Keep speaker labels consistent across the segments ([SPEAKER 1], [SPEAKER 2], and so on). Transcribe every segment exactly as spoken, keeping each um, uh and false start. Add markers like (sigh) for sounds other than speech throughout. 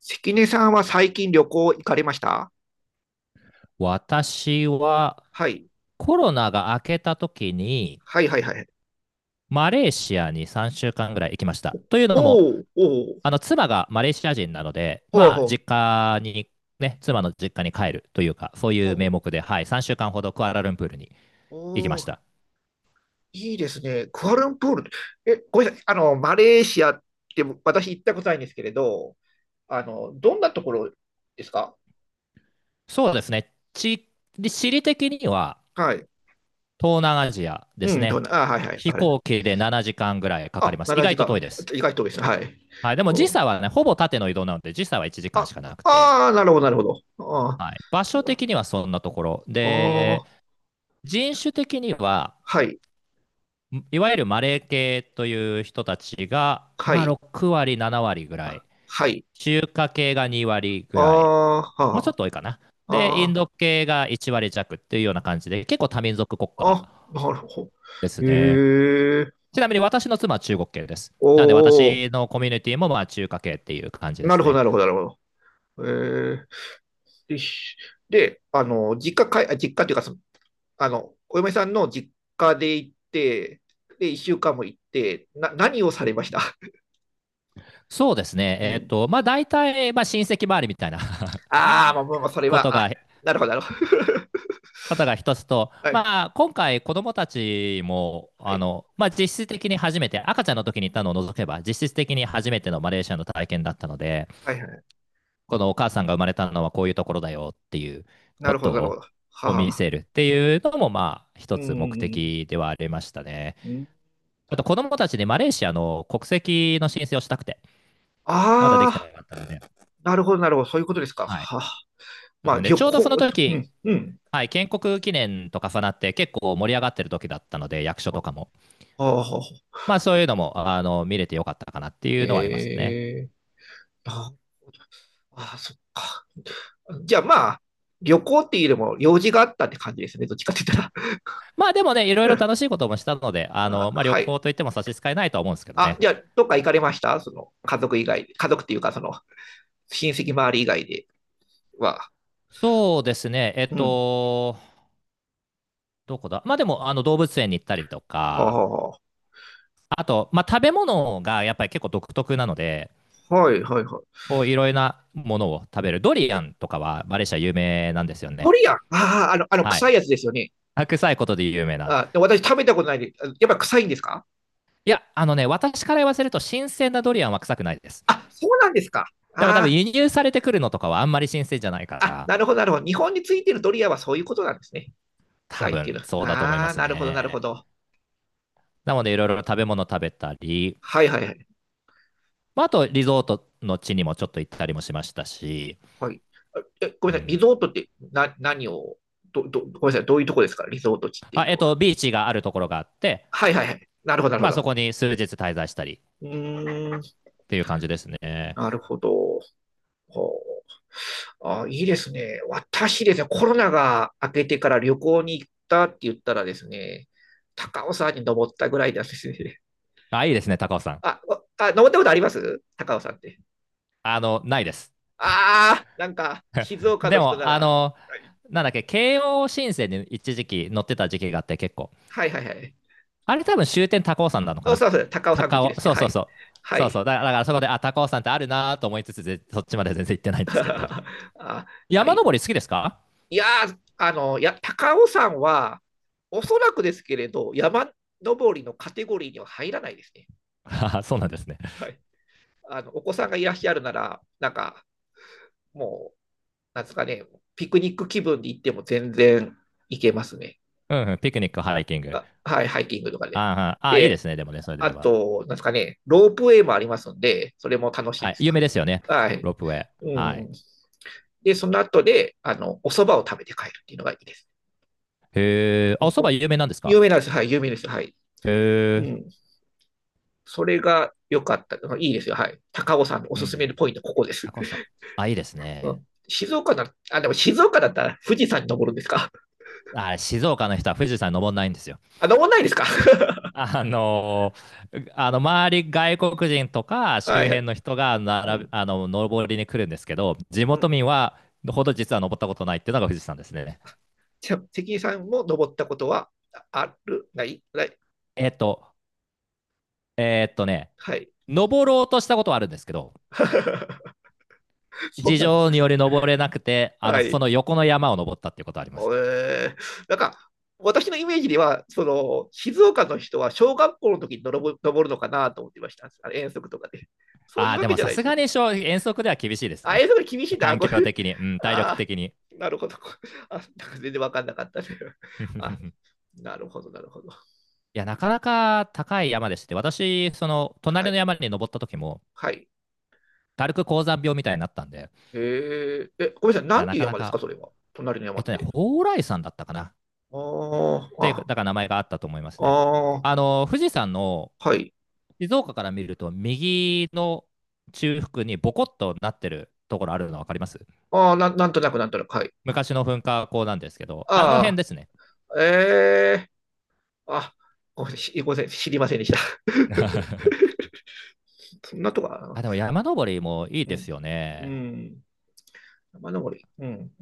[SPEAKER 1] 関根さんは最近旅行行かれました？
[SPEAKER 2] 私は
[SPEAKER 1] はい。
[SPEAKER 2] コロナが明けた時に
[SPEAKER 1] はいはいはい。
[SPEAKER 2] マレーシアにさんしゅうかんぐらい行きました。というのも、
[SPEAKER 1] おーおー、
[SPEAKER 2] あの妻がマレーシア人なので、
[SPEAKER 1] ほう
[SPEAKER 2] ま
[SPEAKER 1] ほ
[SPEAKER 2] あ
[SPEAKER 1] う、
[SPEAKER 2] 実家にね、妻の実家に帰るというか、そうい
[SPEAKER 1] ほう
[SPEAKER 2] う
[SPEAKER 1] ほ
[SPEAKER 2] 名
[SPEAKER 1] う、
[SPEAKER 2] 目で、はい、さんしゅうかんほどクアラルンプールに行きま
[SPEAKER 1] お
[SPEAKER 2] し
[SPEAKER 1] ー、
[SPEAKER 2] た。
[SPEAKER 1] いいですね。クアラルンプール。え、ごめんなさい。あの、マレーシアって私行ったことないんですけれど、あの、どんなところですか？
[SPEAKER 2] そうですね、地、地理的には
[SPEAKER 1] はい。
[SPEAKER 2] 東南アジアで
[SPEAKER 1] う
[SPEAKER 2] す
[SPEAKER 1] ん、どん
[SPEAKER 2] ね。
[SPEAKER 1] な、あ、はいはい。
[SPEAKER 2] 飛
[SPEAKER 1] あれ。
[SPEAKER 2] 行機でななじかんぐらいかかり
[SPEAKER 1] あ、
[SPEAKER 2] ます。意
[SPEAKER 1] 7
[SPEAKER 2] 外と
[SPEAKER 1] 時
[SPEAKER 2] 遠いです。
[SPEAKER 1] 間。意外と多いですね。はい。
[SPEAKER 2] はい、でも
[SPEAKER 1] う
[SPEAKER 2] 時
[SPEAKER 1] ん、
[SPEAKER 2] 差はね、ほぼ縦の移動なので、時差はいちじかん
[SPEAKER 1] あ、
[SPEAKER 2] しかなくて。
[SPEAKER 1] ああ、なるほど、なるほど。ああ、
[SPEAKER 2] はい、場所的にはそんなところ
[SPEAKER 1] あ
[SPEAKER 2] で、
[SPEAKER 1] ー、
[SPEAKER 2] 人種的には
[SPEAKER 1] はい、
[SPEAKER 2] いわゆるマレー系という人たちが、
[SPEAKER 1] は
[SPEAKER 2] まあ、
[SPEAKER 1] い、
[SPEAKER 2] ろく割なな割ぐらい、
[SPEAKER 1] はい。
[SPEAKER 2] 中華系がに割ぐ
[SPEAKER 1] あ
[SPEAKER 2] らい、
[SPEAKER 1] ー、
[SPEAKER 2] もうちょっ
[SPEAKER 1] は
[SPEAKER 2] と多いかな。
[SPEAKER 1] あ、
[SPEAKER 2] で
[SPEAKER 1] あ
[SPEAKER 2] インド
[SPEAKER 1] あ。
[SPEAKER 2] 系がいち割弱っていうような感じで、結構多民族国家
[SPEAKER 1] あ、なるほ
[SPEAKER 2] です
[SPEAKER 1] ど。
[SPEAKER 2] ね。
[SPEAKER 1] へえ、
[SPEAKER 2] ちなみに私の妻は中国系です。なので
[SPEAKER 1] おー、
[SPEAKER 2] 私のコミュニティもまあ中華系っていう感じで
[SPEAKER 1] な
[SPEAKER 2] す
[SPEAKER 1] るほど、
[SPEAKER 2] ね。
[SPEAKER 1] なるほど、なるほど。へえ、で、しであの、実家かい、あ実家というかその、あの、お嫁さんの実家で行って、で、いっしゅうかんも行って、な、何をされました？
[SPEAKER 2] そうですね、
[SPEAKER 1] (laughs) う
[SPEAKER 2] えっ、
[SPEAKER 1] ん。
[SPEAKER 2] とまあ大体まあ親戚周りみたいな
[SPEAKER 1] あー、まあ、まあ、まあ、そ
[SPEAKER 2] (laughs)
[SPEAKER 1] れ
[SPEAKER 2] こと
[SPEAKER 1] は、あ、
[SPEAKER 2] が
[SPEAKER 1] なるほど、なるほど。
[SPEAKER 2] ことが一つと、
[SPEAKER 1] (laughs) はい、
[SPEAKER 2] まあ、今回、子どもたちも
[SPEAKER 1] は
[SPEAKER 2] あ
[SPEAKER 1] い、
[SPEAKER 2] の、まあ、実質的に初めて、赤ちゃんの時に行ったのを除けば、実質的に初めてのマレーシアの体験だったので、
[SPEAKER 1] はい、はい。
[SPEAKER 2] このお母さんが生まれたのはこういうところだよっていう
[SPEAKER 1] な
[SPEAKER 2] こ
[SPEAKER 1] るほ
[SPEAKER 2] と
[SPEAKER 1] ど、なるほ
[SPEAKER 2] を
[SPEAKER 1] ど。
[SPEAKER 2] こ見
[SPEAKER 1] はあ、
[SPEAKER 2] せるっていうのも、まあ、
[SPEAKER 1] う
[SPEAKER 2] 一つ目
[SPEAKER 1] ん、
[SPEAKER 2] 的ではありましたね。
[SPEAKER 1] うん。
[SPEAKER 2] あと、子どもたちでマレーシアの国籍の申請をしたくて、まだできて
[SPEAKER 1] ああ
[SPEAKER 2] なかったので、
[SPEAKER 1] ー、なるほど、なるほど。そういうことですか。
[SPEAKER 2] はい。
[SPEAKER 1] はあ、まあ、
[SPEAKER 2] で
[SPEAKER 1] 旅
[SPEAKER 2] ちょうどその
[SPEAKER 1] 行、う
[SPEAKER 2] 時、
[SPEAKER 1] ん、うん。
[SPEAKER 2] はい、建国記念と重なって結構盛り上がってる時だったので、役所とかも。
[SPEAKER 1] ああ、
[SPEAKER 2] まあそういうのも、あの、見れてよかったかなっていうのはありますね。
[SPEAKER 1] ええ、ああ、そっか。じゃあまあ、旅行っていうよりも用事があったって感じですね。どっちかって言っ
[SPEAKER 2] まあでもね、いろい
[SPEAKER 1] た
[SPEAKER 2] ろ
[SPEAKER 1] ら。
[SPEAKER 2] 楽しいこともしたので、
[SPEAKER 1] (laughs)
[SPEAKER 2] あ
[SPEAKER 1] うん、あ、
[SPEAKER 2] の、まあ旅
[SPEAKER 1] はい。
[SPEAKER 2] 行といっても差し支えないとは思うんですけど
[SPEAKER 1] あ、
[SPEAKER 2] ね。
[SPEAKER 1] じゃあ、どっか行かれました？その、家族以外、家族っていうか、その、親戚周り以外では。
[SPEAKER 2] そうですね、えっ
[SPEAKER 1] うん。
[SPEAKER 2] と、どこだ。まあでも、あの、動物園に行ったりと
[SPEAKER 1] あ
[SPEAKER 2] か、
[SPEAKER 1] あ、は
[SPEAKER 2] あと、まあ食べ物がやっぱり結構独特なので、
[SPEAKER 1] いはいはい。
[SPEAKER 2] こういろいろなものを食べる。ドリアンとかはマレーシア有名なんですよ
[SPEAKER 1] ド
[SPEAKER 2] ね。
[SPEAKER 1] リアン。ああ、あの、あの、
[SPEAKER 2] は
[SPEAKER 1] 臭い
[SPEAKER 2] い。
[SPEAKER 1] やつですよね。
[SPEAKER 2] 臭いことで有名な。
[SPEAKER 1] あ、で、私食べたことないで、あ、やっぱ臭いんですか？
[SPEAKER 2] いや、あのね、私から言わせると新鮮なドリアンは臭くないです。
[SPEAKER 1] あ、そうなんですか。
[SPEAKER 2] でも多分
[SPEAKER 1] あ、
[SPEAKER 2] 輸入されてくるのとかはあんまり新鮮じゃないか
[SPEAKER 1] ああ、
[SPEAKER 2] ら、
[SPEAKER 1] なるほど、なるほど。日本についてるドリアンはそういうことなんですね。
[SPEAKER 2] 多
[SPEAKER 1] 臭いっていう
[SPEAKER 2] 分
[SPEAKER 1] の。
[SPEAKER 2] そうだと思いま
[SPEAKER 1] ああ、
[SPEAKER 2] す
[SPEAKER 1] なるほど、なる
[SPEAKER 2] ね。
[SPEAKER 1] ほど。
[SPEAKER 2] なのでいろいろ食べ物食べたり、
[SPEAKER 1] はいはいはい。
[SPEAKER 2] まあ、あとリゾートの地にもちょっと行ったりもしましたし、
[SPEAKER 1] はい。あ、え、ご
[SPEAKER 2] う
[SPEAKER 1] めんなさい。リ
[SPEAKER 2] ん
[SPEAKER 1] ゾートってな、何を、ど、ど、ごめんなさい。どういうとこですかリゾート地って
[SPEAKER 2] あ
[SPEAKER 1] いう
[SPEAKER 2] えっ
[SPEAKER 1] のは？
[SPEAKER 2] と、ビーチがあるところがあって、
[SPEAKER 1] はいはいはい。なるほど、なるほ
[SPEAKER 2] まあ、
[SPEAKER 1] ど。
[SPEAKER 2] そこに数日滞在したりっ
[SPEAKER 1] うーん、
[SPEAKER 2] ていう感じですね。
[SPEAKER 1] なるほど。ほう。あ、いいですね。私ですね、コロナが明けてから旅行に行ったって言ったらですね、高尾山に登ったぐらいなんですね。
[SPEAKER 2] あ、いいですね、高尾さん。
[SPEAKER 1] あ、お、あ、登ったことあります高尾山って？
[SPEAKER 2] あの、ないです。
[SPEAKER 1] ああ、なんか、静岡
[SPEAKER 2] で
[SPEAKER 1] の人な
[SPEAKER 2] も、あ
[SPEAKER 1] ら。
[SPEAKER 2] の、なんだっけ、慶応新線に一時期乗ってた時期があって結構。
[SPEAKER 1] はいはいはい。
[SPEAKER 2] あれ多分終点高尾山なのか
[SPEAKER 1] お、
[SPEAKER 2] な。
[SPEAKER 1] そうそう、高尾山
[SPEAKER 2] 高
[SPEAKER 1] 口で
[SPEAKER 2] 尾、
[SPEAKER 1] すね。
[SPEAKER 2] そう
[SPEAKER 1] は
[SPEAKER 2] そう
[SPEAKER 1] い。
[SPEAKER 2] そう。
[SPEAKER 1] は
[SPEAKER 2] そうそ
[SPEAKER 1] い。
[SPEAKER 2] う。だからだからそこで、あ、高尾山ってあるなと思いつつ、ぜそっちまで全然行ってないんですけど。
[SPEAKER 1] ああ、
[SPEAKER 2] 山
[SPEAKER 1] い
[SPEAKER 2] 登り好きですか？
[SPEAKER 1] いやー、あの、や、高尾山は、おそらくですけれど、山登りのカテゴリーには入らないですね。
[SPEAKER 2] (laughs) そうなんですね。
[SPEAKER 1] はい。あの、お子さんがいらっしゃるなら、なんか、もう、なんですかね、ピクニック気分で行っても全然行けますね。
[SPEAKER 2] うんうん、ピクニック、ハイキング。
[SPEAKER 1] あ、はい、ハイキングとかで。
[SPEAKER 2] あーあー、いいで
[SPEAKER 1] で、
[SPEAKER 2] すね、でもね、それ
[SPEAKER 1] あ
[SPEAKER 2] では。
[SPEAKER 1] と、なんですかね、ロープウェイもありますんで、それも楽しい
[SPEAKER 2] は
[SPEAKER 1] で
[SPEAKER 2] い、
[SPEAKER 1] す
[SPEAKER 2] 有
[SPEAKER 1] よ。
[SPEAKER 2] 名ですよね、
[SPEAKER 1] はい。
[SPEAKER 2] ロープウェイ。
[SPEAKER 1] う
[SPEAKER 2] はい。
[SPEAKER 1] ん。で、その後で、あの、お蕎麦を食べて帰るっていうのがいいです。
[SPEAKER 2] へえ、あ、おそば
[SPEAKER 1] お
[SPEAKER 2] 有名なんですか？
[SPEAKER 1] 有名なんですよ。はい、有名ですよ。はい。
[SPEAKER 2] へ
[SPEAKER 1] う
[SPEAKER 2] え、
[SPEAKER 1] ん。それが良かった。いいですよ。はい。高尾さんのお
[SPEAKER 2] うんう
[SPEAKER 1] すすめ
[SPEAKER 2] ん、
[SPEAKER 1] のポイント、ここです。
[SPEAKER 2] 高尾さん。あ、いいです
[SPEAKER 1] う
[SPEAKER 2] ね。
[SPEAKER 1] ん、静岡なあ、でも静岡だったら富士山に登るんですか？
[SPEAKER 2] あ、静岡の人は富士山登んないんですよ。
[SPEAKER 1] あ、登んないですか？ (laughs)
[SPEAKER 2] あのーあの周り、外国人とか周
[SPEAKER 1] はいは
[SPEAKER 2] 辺
[SPEAKER 1] い。
[SPEAKER 2] の人が
[SPEAKER 1] う
[SPEAKER 2] 並び、
[SPEAKER 1] ん。
[SPEAKER 2] あの登りに来るんですけど、地
[SPEAKER 1] う
[SPEAKER 2] 元
[SPEAKER 1] ん。
[SPEAKER 2] 民はほど実は登ったことないっていうのが富士山ですね。
[SPEAKER 1] じゃ、関根さんも登ったことはあ、ある？ない？ない？
[SPEAKER 2] えっとえっとね
[SPEAKER 1] はい。
[SPEAKER 2] 登ろうとしたことはあるんですけど、
[SPEAKER 1] (laughs) そう
[SPEAKER 2] 事
[SPEAKER 1] なんです
[SPEAKER 2] 情に
[SPEAKER 1] か。
[SPEAKER 2] より登れなくて、あの
[SPEAKER 1] は
[SPEAKER 2] そ
[SPEAKER 1] い。
[SPEAKER 2] の横の山を登ったっていうことはあります。
[SPEAKER 1] えー、なんか、私のイメージでは、その、静岡の人は小学校の時に登る登るのかなと思ってました。あの遠足とかで。そう
[SPEAKER 2] あ
[SPEAKER 1] いう
[SPEAKER 2] あ、
[SPEAKER 1] わ
[SPEAKER 2] で
[SPEAKER 1] け
[SPEAKER 2] も
[SPEAKER 1] じゃ
[SPEAKER 2] さ
[SPEAKER 1] ないで
[SPEAKER 2] す
[SPEAKER 1] す
[SPEAKER 2] が
[SPEAKER 1] ね。
[SPEAKER 2] に遠足では厳しいです
[SPEAKER 1] あ、
[SPEAKER 2] ね。
[SPEAKER 1] 遠足厳しいな。あ、
[SPEAKER 2] 環
[SPEAKER 1] これ、
[SPEAKER 2] 境的に、うん、体力
[SPEAKER 1] あ
[SPEAKER 2] 的に。
[SPEAKER 1] ー、なるほど。あ、なんか全然わかんなかったね。あ、
[SPEAKER 2] (laughs)
[SPEAKER 1] なるほど、なるほど。
[SPEAKER 2] いや、なかなか高い山でして、私、その
[SPEAKER 1] は
[SPEAKER 2] 隣の
[SPEAKER 1] い。
[SPEAKER 2] 山に登った時も、
[SPEAKER 1] はい。
[SPEAKER 2] 軽く高山病みたいになったんで、い
[SPEAKER 1] えー、え、ごめんなさい。な
[SPEAKER 2] や、
[SPEAKER 1] ん
[SPEAKER 2] な
[SPEAKER 1] ていう
[SPEAKER 2] かな
[SPEAKER 1] 山です
[SPEAKER 2] か、
[SPEAKER 1] か、それは。隣の山
[SPEAKER 2] えっ
[SPEAKER 1] っ
[SPEAKER 2] とね、
[SPEAKER 1] て。
[SPEAKER 2] 蓬莱山だったかな。っ
[SPEAKER 1] あー、
[SPEAKER 2] ていう、だ
[SPEAKER 1] あ、
[SPEAKER 2] から名前があったと思いますね。
[SPEAKER 1] あー、
[SPEAKER 2] あの、富士山の
[SPEAKER 1] はい。
[SPEAKER 2] 静岡から見ると、右の中腹にボコッとなってるところあるの分かります？
[SPEAKER 1] あー、なん、なんとなく、なんとなく、はい。
[SPEAKER 2] 昔の噴火口なんですけど、あの辺
[SPEAKER 1] あ
[SPEAKER 2] ですね。
[SPEAKER 1] ー、え、あ、ごめんなさい、ごめん、知りませんでした。
[SPEAKER 2] (laughs)
[SPEAKER 1] (laughs) そんなとこか
[SPEAKER 2] あ、
[SPEAKER 1] な。
[SPEAKER 2] でも山登りもいい
[SPEAKER 1] う
[SPEAKER 2] で
[SPEAKER 1] ん。
[SPEAKER 2] すよ
[SPEAKER 1] う
[SPEAKER 2] ね。
[SPEAKER 1] ん。山登り。うん。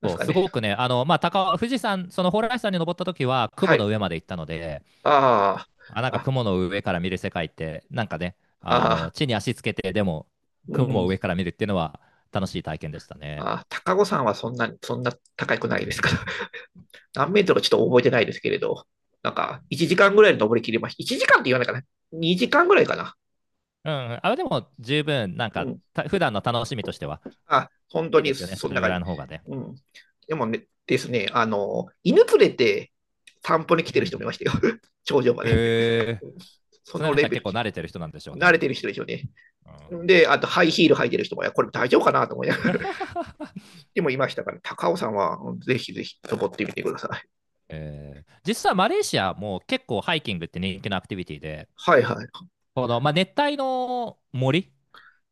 [SPEAKER 1] なん
[SPEAKER 2] そ
[SPEAKER 1] す
[SPEAKER 2] う
[SPEAKER 1] か
[SPEAKER 2] す
[SPEAKER 1] ね。
[SPEAKER 2] ごくね、あのまあ、高富士山、その蓬莱山に登った時は雲
[SPEAKER 1] はい。
[SPEAKER 2] の上まで行ったので、
[SPEAKER 1] あ
[SPEAKER 2] あ、なん
[SPEAKER 1] あ、
[SPEAKER 2] か
[SPEAKER 1] あ、
[SPEAKER 2] 雲の上から見る世界って、なんかね、あの
[SPEAKER 1] ああ、
[SPEAKER 2] 地に足つけて、でも
[SPEAKER 1] う
[SPEAKER 2] 雲を
[SPEAKER 1] ん。
[SPEAKER 2] 上から見るっていうのは楽しい体験でしたね。
[SPEAKER 1] あ、高尾山はそんな、そんな高くないですから。(laughs)
[SPEAKER 2] (laughs)
[SPEAKER 1] 何メートルかちょっと覚えてないですけれど、なんか、いちじかんぐらいで登りきりました。いちじかんって言わないかな。にじかんぐらいかな。
[SPEAKER 2] うん、あ、でも十分、なん
[SPEAKER 1] う
[SPEAKER 2] か
[SPEAKER 1] ん。
[SPEAKER 2] た普段の楽しみとしては
[SPEAKER 1] あ、本
[SPEAKER 2] い
[SPEAKER 1] 当
[SPEAKER 2] いで
[SPEAKER 1] に、
[SPEAKER 2] すよね、そ
[SPEAKER 1] そんな
[SPEAKER 2] れぐ
[SPEAKER 1] 感
[SPEAKER 2] らい
[SPEAKER 1] じ。
[SPEAKER 2] の方がね。
[SPEAKER 1] うん。でもね、ですね、あの、犬連れて散歩に
[SPEAKER 2] う
[SPEAKER 1] 来
[SPEAKER 2] んう
[SPEAKER 1] てる人もいま
[SPEAKER 2] ん。
[SPEAKER 1] したよ。(laughs) 頂上まで。
[SPEAKER 2] え
[SPEAKER 1] そ
[SPEAKER 2] ー、その
[SPEAKER 1] のレ
[SPEAKER 2] 人は
[SPEAKER 1] ベ
[SPEAKER 2] 結
[SPEAKER 1] ル、
[SPEAKER 2] 構慣れてる人なんでしょう
[SPEAKER 1] 慣れ
[SPEAKER 2] ね。
[SPEAKER 1] てる人でしょうね。
[SPEAKER 2] うん。
[SPEAKER 1] で、あとハイヒール履いてる人も、いや、これ大丈夫かなと思いながら、(laughs)
[SPEAKER 2] (laughs)
[SPEAKER 1] でもいましたから、高尾さんはぜひぜひ登ってみてください。
[SPEAKER 2] えー、実はマレーシアも結構ハイキングって人気のアクティビティで、
[SPEAKER 1] はいはい。
[SPEAKER 2] この、まあ、熱帯の森、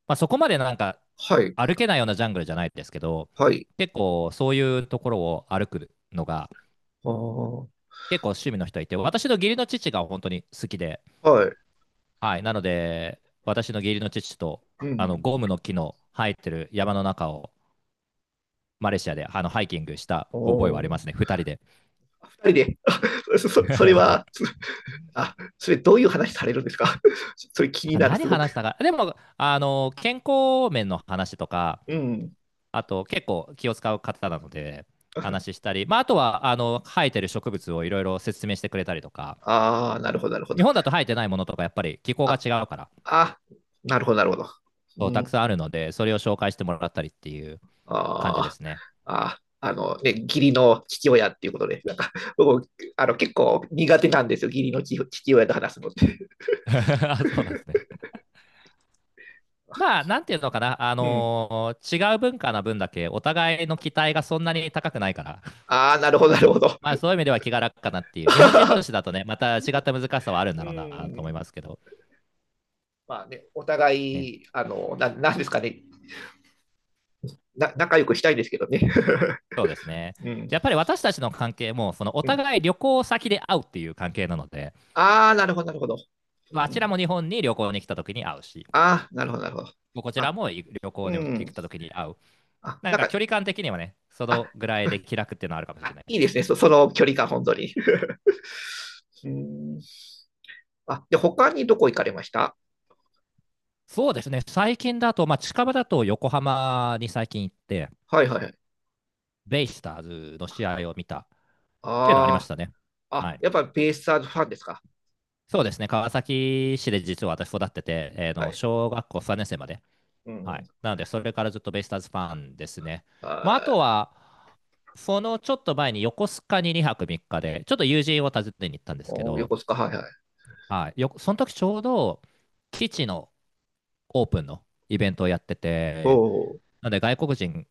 [SPEAKER 2] まあ、そこまでなんか
[SPEAKER 1] はい。
[SPEAKER 2] 歩けないようなジャングルじゃないですけど、
[SPEAKER 1] はい。
[SPEAKER 2] 結構そういうところを歩くのが
[SPEAKER 1] ああ。
[SPEAKER 2] 結構趣味の人いて、私の義理の父が本当に好きで、
[SPEAKER 1] はい。
[SPEAKER 2] はい、なので私の義理の父と
[SPEAKER 1] う
[SPEAKER 2] あの
[SPEAKER 1] ん。
[SPEAKER 2] ゴムの木の生えてる山の中をマレーシアであのハイキングした
[SPEAKER 1] お
[SPEAKER 2] 覚えはありま
[SPEAKER 1] お。
[SPEAKER 2] すね、二人で。
[SPEAKER 1] 二人で、(laughs) そ、そそれは、(laughs) あ、それどういう話されるんですか？ (laughs) それ気に
[SPEAKER 2] (laughs)
[SPEAKER 1] なる、
[SPEAKER 2] 何
[SPEAKER 1] すごく。
[SPEAKER 2] 話したか、でもあの健康面の話とか、
[SPEAKER 1] うん。
[SPEAKER 2] あと結構気を使う方なので、話
[SPEAKER 1] (laughs)
[SPEAKER 2] したり、まあ、あとはあの生えてる植物をいろいろ説明してくれたりとか、
[SPEAKER 1] ああ、なるほど、なるほ
[SPEAKER 2] 日
[SPEAKER 1] ど。
[SPEAKER 2] 本だと生えてないものとか、やっぱり気候が
[SPEAKER 1] あ、
[SPEAKER 2] 違うから、
[SPEAKER 1] あ、なるほど、なるほど。
[SPEAKER 2] そう、
[SPEAKER 1] う
[SPEAKER 2] たく
[SPEAKER 1] ん、
[SPEAKER 2] さんあるので、それを紹介してもらったりっていう感じで
[SPEAKER 1] あー、
[SPEAKER 2] すね。
[SPEAKER 1] あー、あ、あのね、義理の父親っていうことで、なんか、僕、あの、結構苦手なんですよ、義理の父父親と話すのって。
[SPEAKER 2] (laughs) そうなんですね。まあ、なんていうのかな、あ
[SPEAKER 1] うん。
[SPEAKER 2] のー違う文化な分だけ、お互いの期待がそんなに高くないから、
[SPEAKER 1] ああ、なるほど、なるほど。
[SPEAKER 2] まあそういう意味では気が楽かなっていう、日本人同士
[SPEAKER 1] (laughs)
[SPEAKER 2] だとね、また違った難しさはあるんだ
[SPEAKER 1] う
[SPEAKER 2] ろうなと思い
[SPEAKER 1] ん。
[SPEAKER 2] ますけど、
[SPEAKER 1] まあね、お互
[SPEAKER 2] ね、
[SPEAKER 1] い、あの、ななんですかねな、仲良くしたいんですけどね。
[SPEAKER 2] そうですね。
[SPEAKER 1] (laughs) うん。
[SPEAKER 2] でやっぱり私たちの関係も、そのお
[SPEAKER 1] うん、
[SPEAKER 2] 互い旅行先で会うっていう関係なので、
[SPEAKER 1] ああ、なるほど、なるほど。
[SPEAKER 2] ま
[SPEAKER 1] う
[SPEAKER 2] ああちら
[SPEAKER 1] ん。
[SPEAKER 2] も日本に旅行に来た時に会うし、
[SPEAKER 1] ああ、なるほど、なるほど。
[SPEAKER 2] こちら
[SPEAKER 1] あ、
[SPEAKER 2] も旅行
[SPEAKER 1] う
[SPEAKER 2] に行っ
[SPEAKER 1] ん。
[SPEAKER 2] た時に会う。
[SPEAKER 1] あ、
[SPEAKER 2] なん
[SPEAKER 1] なん
[SPEAKER 2] か
[SPEAKER 1] か、
[SPEAKER 2] 距離感的にはね、そ
[SPEAKER 1] あ、
[SPEAKER 2] のぐらいで気楽っていうのはあるかもしれ
[SPEAKER 1] あ
[SPEAKER 2] ないで
[SPEAKER 1] いいで
[SPEAKER 2] す。
[SPEAKER 1] すね、そその距離感、本当に。(laughs) うん。あ、で、他にどこ行かれました？
[SPEAKER 2] そうですね、最近だと、まあ、近場だと横浜に最近行って、
[SPEAKER 1] はいはいはい。
[SPEAKER 2] ベイスターズの試合を見たっていうのはありまし
[SPEAKER 1] あ
[SPEAKER 2] たね。
[SPEAKER 1] あ、
[SPEAKER 2] は
[SPEAKER 1] あ、
[SPEAKER 2] い、
[SPEAKER 1] やっぱりベイスターズファンですか？
[SPEAKER 2] そうですね、川崎市で実は私育ってて、えー
[SPEAKER 1] は
[SPEAKER 2] の
[SPEAKER 1] い。
[SPEAKER 2] 小学校さんねん生まで。
[SPEAKER 1] うん。
[SPEAKER 2] は
[SPEAKER 1] う
[SPEAKER 2] い。
[SPEAKER 1] ん、
[SPEAKER 2] なので、それからずっとベイスターズファンですね。
[SPEAKER 1] あ
[SPEAKER 2] まあ、あと
[SPEAKER 1] ー、
[SPEAKER 2] は、そのちょっと前に横須賀ににはくみっかで、ちょっと友人を訪ねに行ったんですけ
[SPEAKER 1] おー、
[SPEAKER 2] ど、
[SPEAKER 1] 横須賀、はいはい。
[SPEAKER 2] はい、よその時ちょうど基地のオープンのイベントをやってて、
[SPEAKER 1] ほう、
[SPEAKER 2] なので外国人、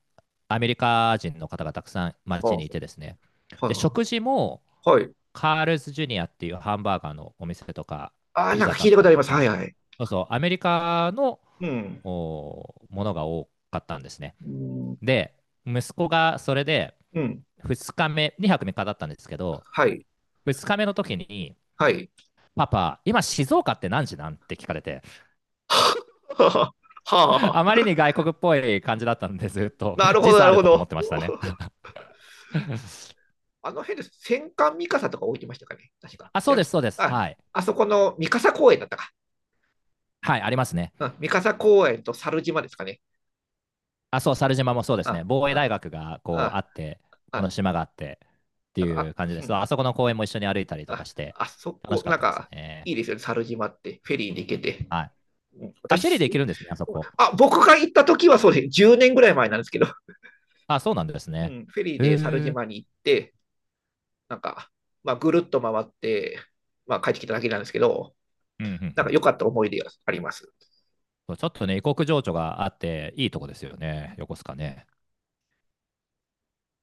[SPEAKER 2] アメリカ人の方がたくさん街にい
[SPEAKER 1] は
[SPEAKER 2] てですね、
[SPEAKER 1] あ、
[SPEAKER 2] で
[SPEAKER 1] は
[SPEAKER 2] 食事も
[SPEAKER 1] あ、はい。
[SPEAKER 2] カールズジュニアっていうハンバーガーのお店とか、
[SPEAKER 1] ああ、
[SPEAKER 2] ピ
[SPEAKER 1] なん
[SPEAKER 2] ザ
[SPEAKER 1] か
[SPEAKER 2] だ
[SPEAKER 1] 聞い
[SPEAKER 2] っ
[SPEAKER 1] たこ
[SPEAKER 2] た
[SPEAKER 1] とあ
[SPEAKER 2] り
[SPEAKER 1] り
[SPEAKER 2] と
[SPEAKER 1] ます。は
[SPEAKER 2] か、
[SPEAKER 1] いはい。
[SPEAKER 2] そうそう、アメリカの
[SPEAKER 1] うん。
[SPEAKER 2] おものが多かったんですね。
[SPEAKER 1] うん。
[SPEAKER 2] で、息子がそれで
[SPEAKER 1] うん。
[SPEAKER 2] ふつかめ、にはくみっかだったんですけど、
[SPEAKER 1] はい。
[SPEAKER 2] ふつかめの時に、
[SPEAKER 1] はい。
[SPEAKER 2] パパ、今静岡って何時なん？って聞かれて、
[SPEAKER 1] (laughs) はあ、は
[SPEAKER 2] あまり
[SPEAKER 1] あ。
[SPEAKER 2] に外国っぽい感じだったんで、ずっと
[SPEAKER 1] なるほ
[SPEAKER 2] 時
[SPEAKER 1] ど、
[SPEAKER 2] 差
[SPEAKER 1] な
[SPEAKER 2] あ
[SPEAKER 1] る
[SPEAKER 2] る
[SPEAKER 1] ほ
[SPEAKER 2] と思っ
[SPEAKER 1] ど。
[SPEAKER 2] てましたね。
[SPEAKER 1] あの辺です。戦艦三笠とか置いてましたかね。確か。
[SPEAKER 2] あ、そ
[SPEAKER 1] 違い
[SPEAKER 2] う
[SPEAKER 1] ま
[SPEAKER 2] です、
[SPEAKER 1] し
[SPEAKER 2] そうで
[SPEAKER 1] た。
[SPEAKER 2] す。は
[SPEAKER 1] あ、
[SPEAKER 2] い。
[SPEAKER 1] あそこの三笠公園だったか。
[SPEAKER 2] はい、ありますね。
[SPEAKER 1] うん、三笠公園と猿島ですかね。
[SPEAKER 2] あ、そう、猿島もそうですね。
[SPEAKER 1] あ、
[SPEAKER 2] 防衛大
[SPEAKER 1] あ、
[SPEAKER 2] 学がこうあ
[SPEAKER 1] あ、
[SPEAKER 2] って、この
[SPEAKER 1] あ、
[SPEAKER 2] 島があってって
[SPEAKER 1] なんか、
[SPEAKER 2] いう
[SPEAKER 1] あ、
[SPEAKER 2] 感じで
[SPEAKER 1] う
[SPEAKER 2] す。
[SPEAKER 1] ん。
[SPEAKER 2] あそこの公園も一緒に歩いたりとか
[SPEAKER 1] あ、
[SPEAKER 2] して、
[SPEAKER 1] あそ
[SPEAKER 2] 楽
[SPEAKER 1] こ、
[SPEAKER 2] しかっ
[SPEAKER 1] なん
[SPEAKER 2] たです
[SPEAKER 1] か、
[SPEAKER 2] ね。
[SPEAKER 1] いいですよね、猿島って、フェリーで行けて。
[SPEAKER 2] はい。
[SPEAKER 1] うん、
[SPEAKER 2] あ、フェリー
[SPEAKER 1] 私、
[SPEAKER 2] で行けるんですね、あそこ。
[SPEAKER 1] あ、僕が行った時はそうです。じゅうねんぐらい前なんですけど、
[SPEAKER 2] あ、そうなんです
[SPEAKER 1] う
[SPEAKER 2] ね。
[SPEAKER 1] ん、フェリー
[SPEAKER 2] へえ。
[SPEAKER 1] で猿
[SPEAKER 2] うん
[SPEAKER 1] 島に行って、なんか、まあ、ぐるっと回って、まあ、帰ってきただけなんですけど、
[SPEAKER 2] うんう
[SPEAKER 1] なんか
[SPEAKER 2] ん。
[SPEAKER 1] 良かった思い出があります。
[SPEAKER 2] そうちょっとね、異国情緒があって、いいとこですよね、横須賀ね。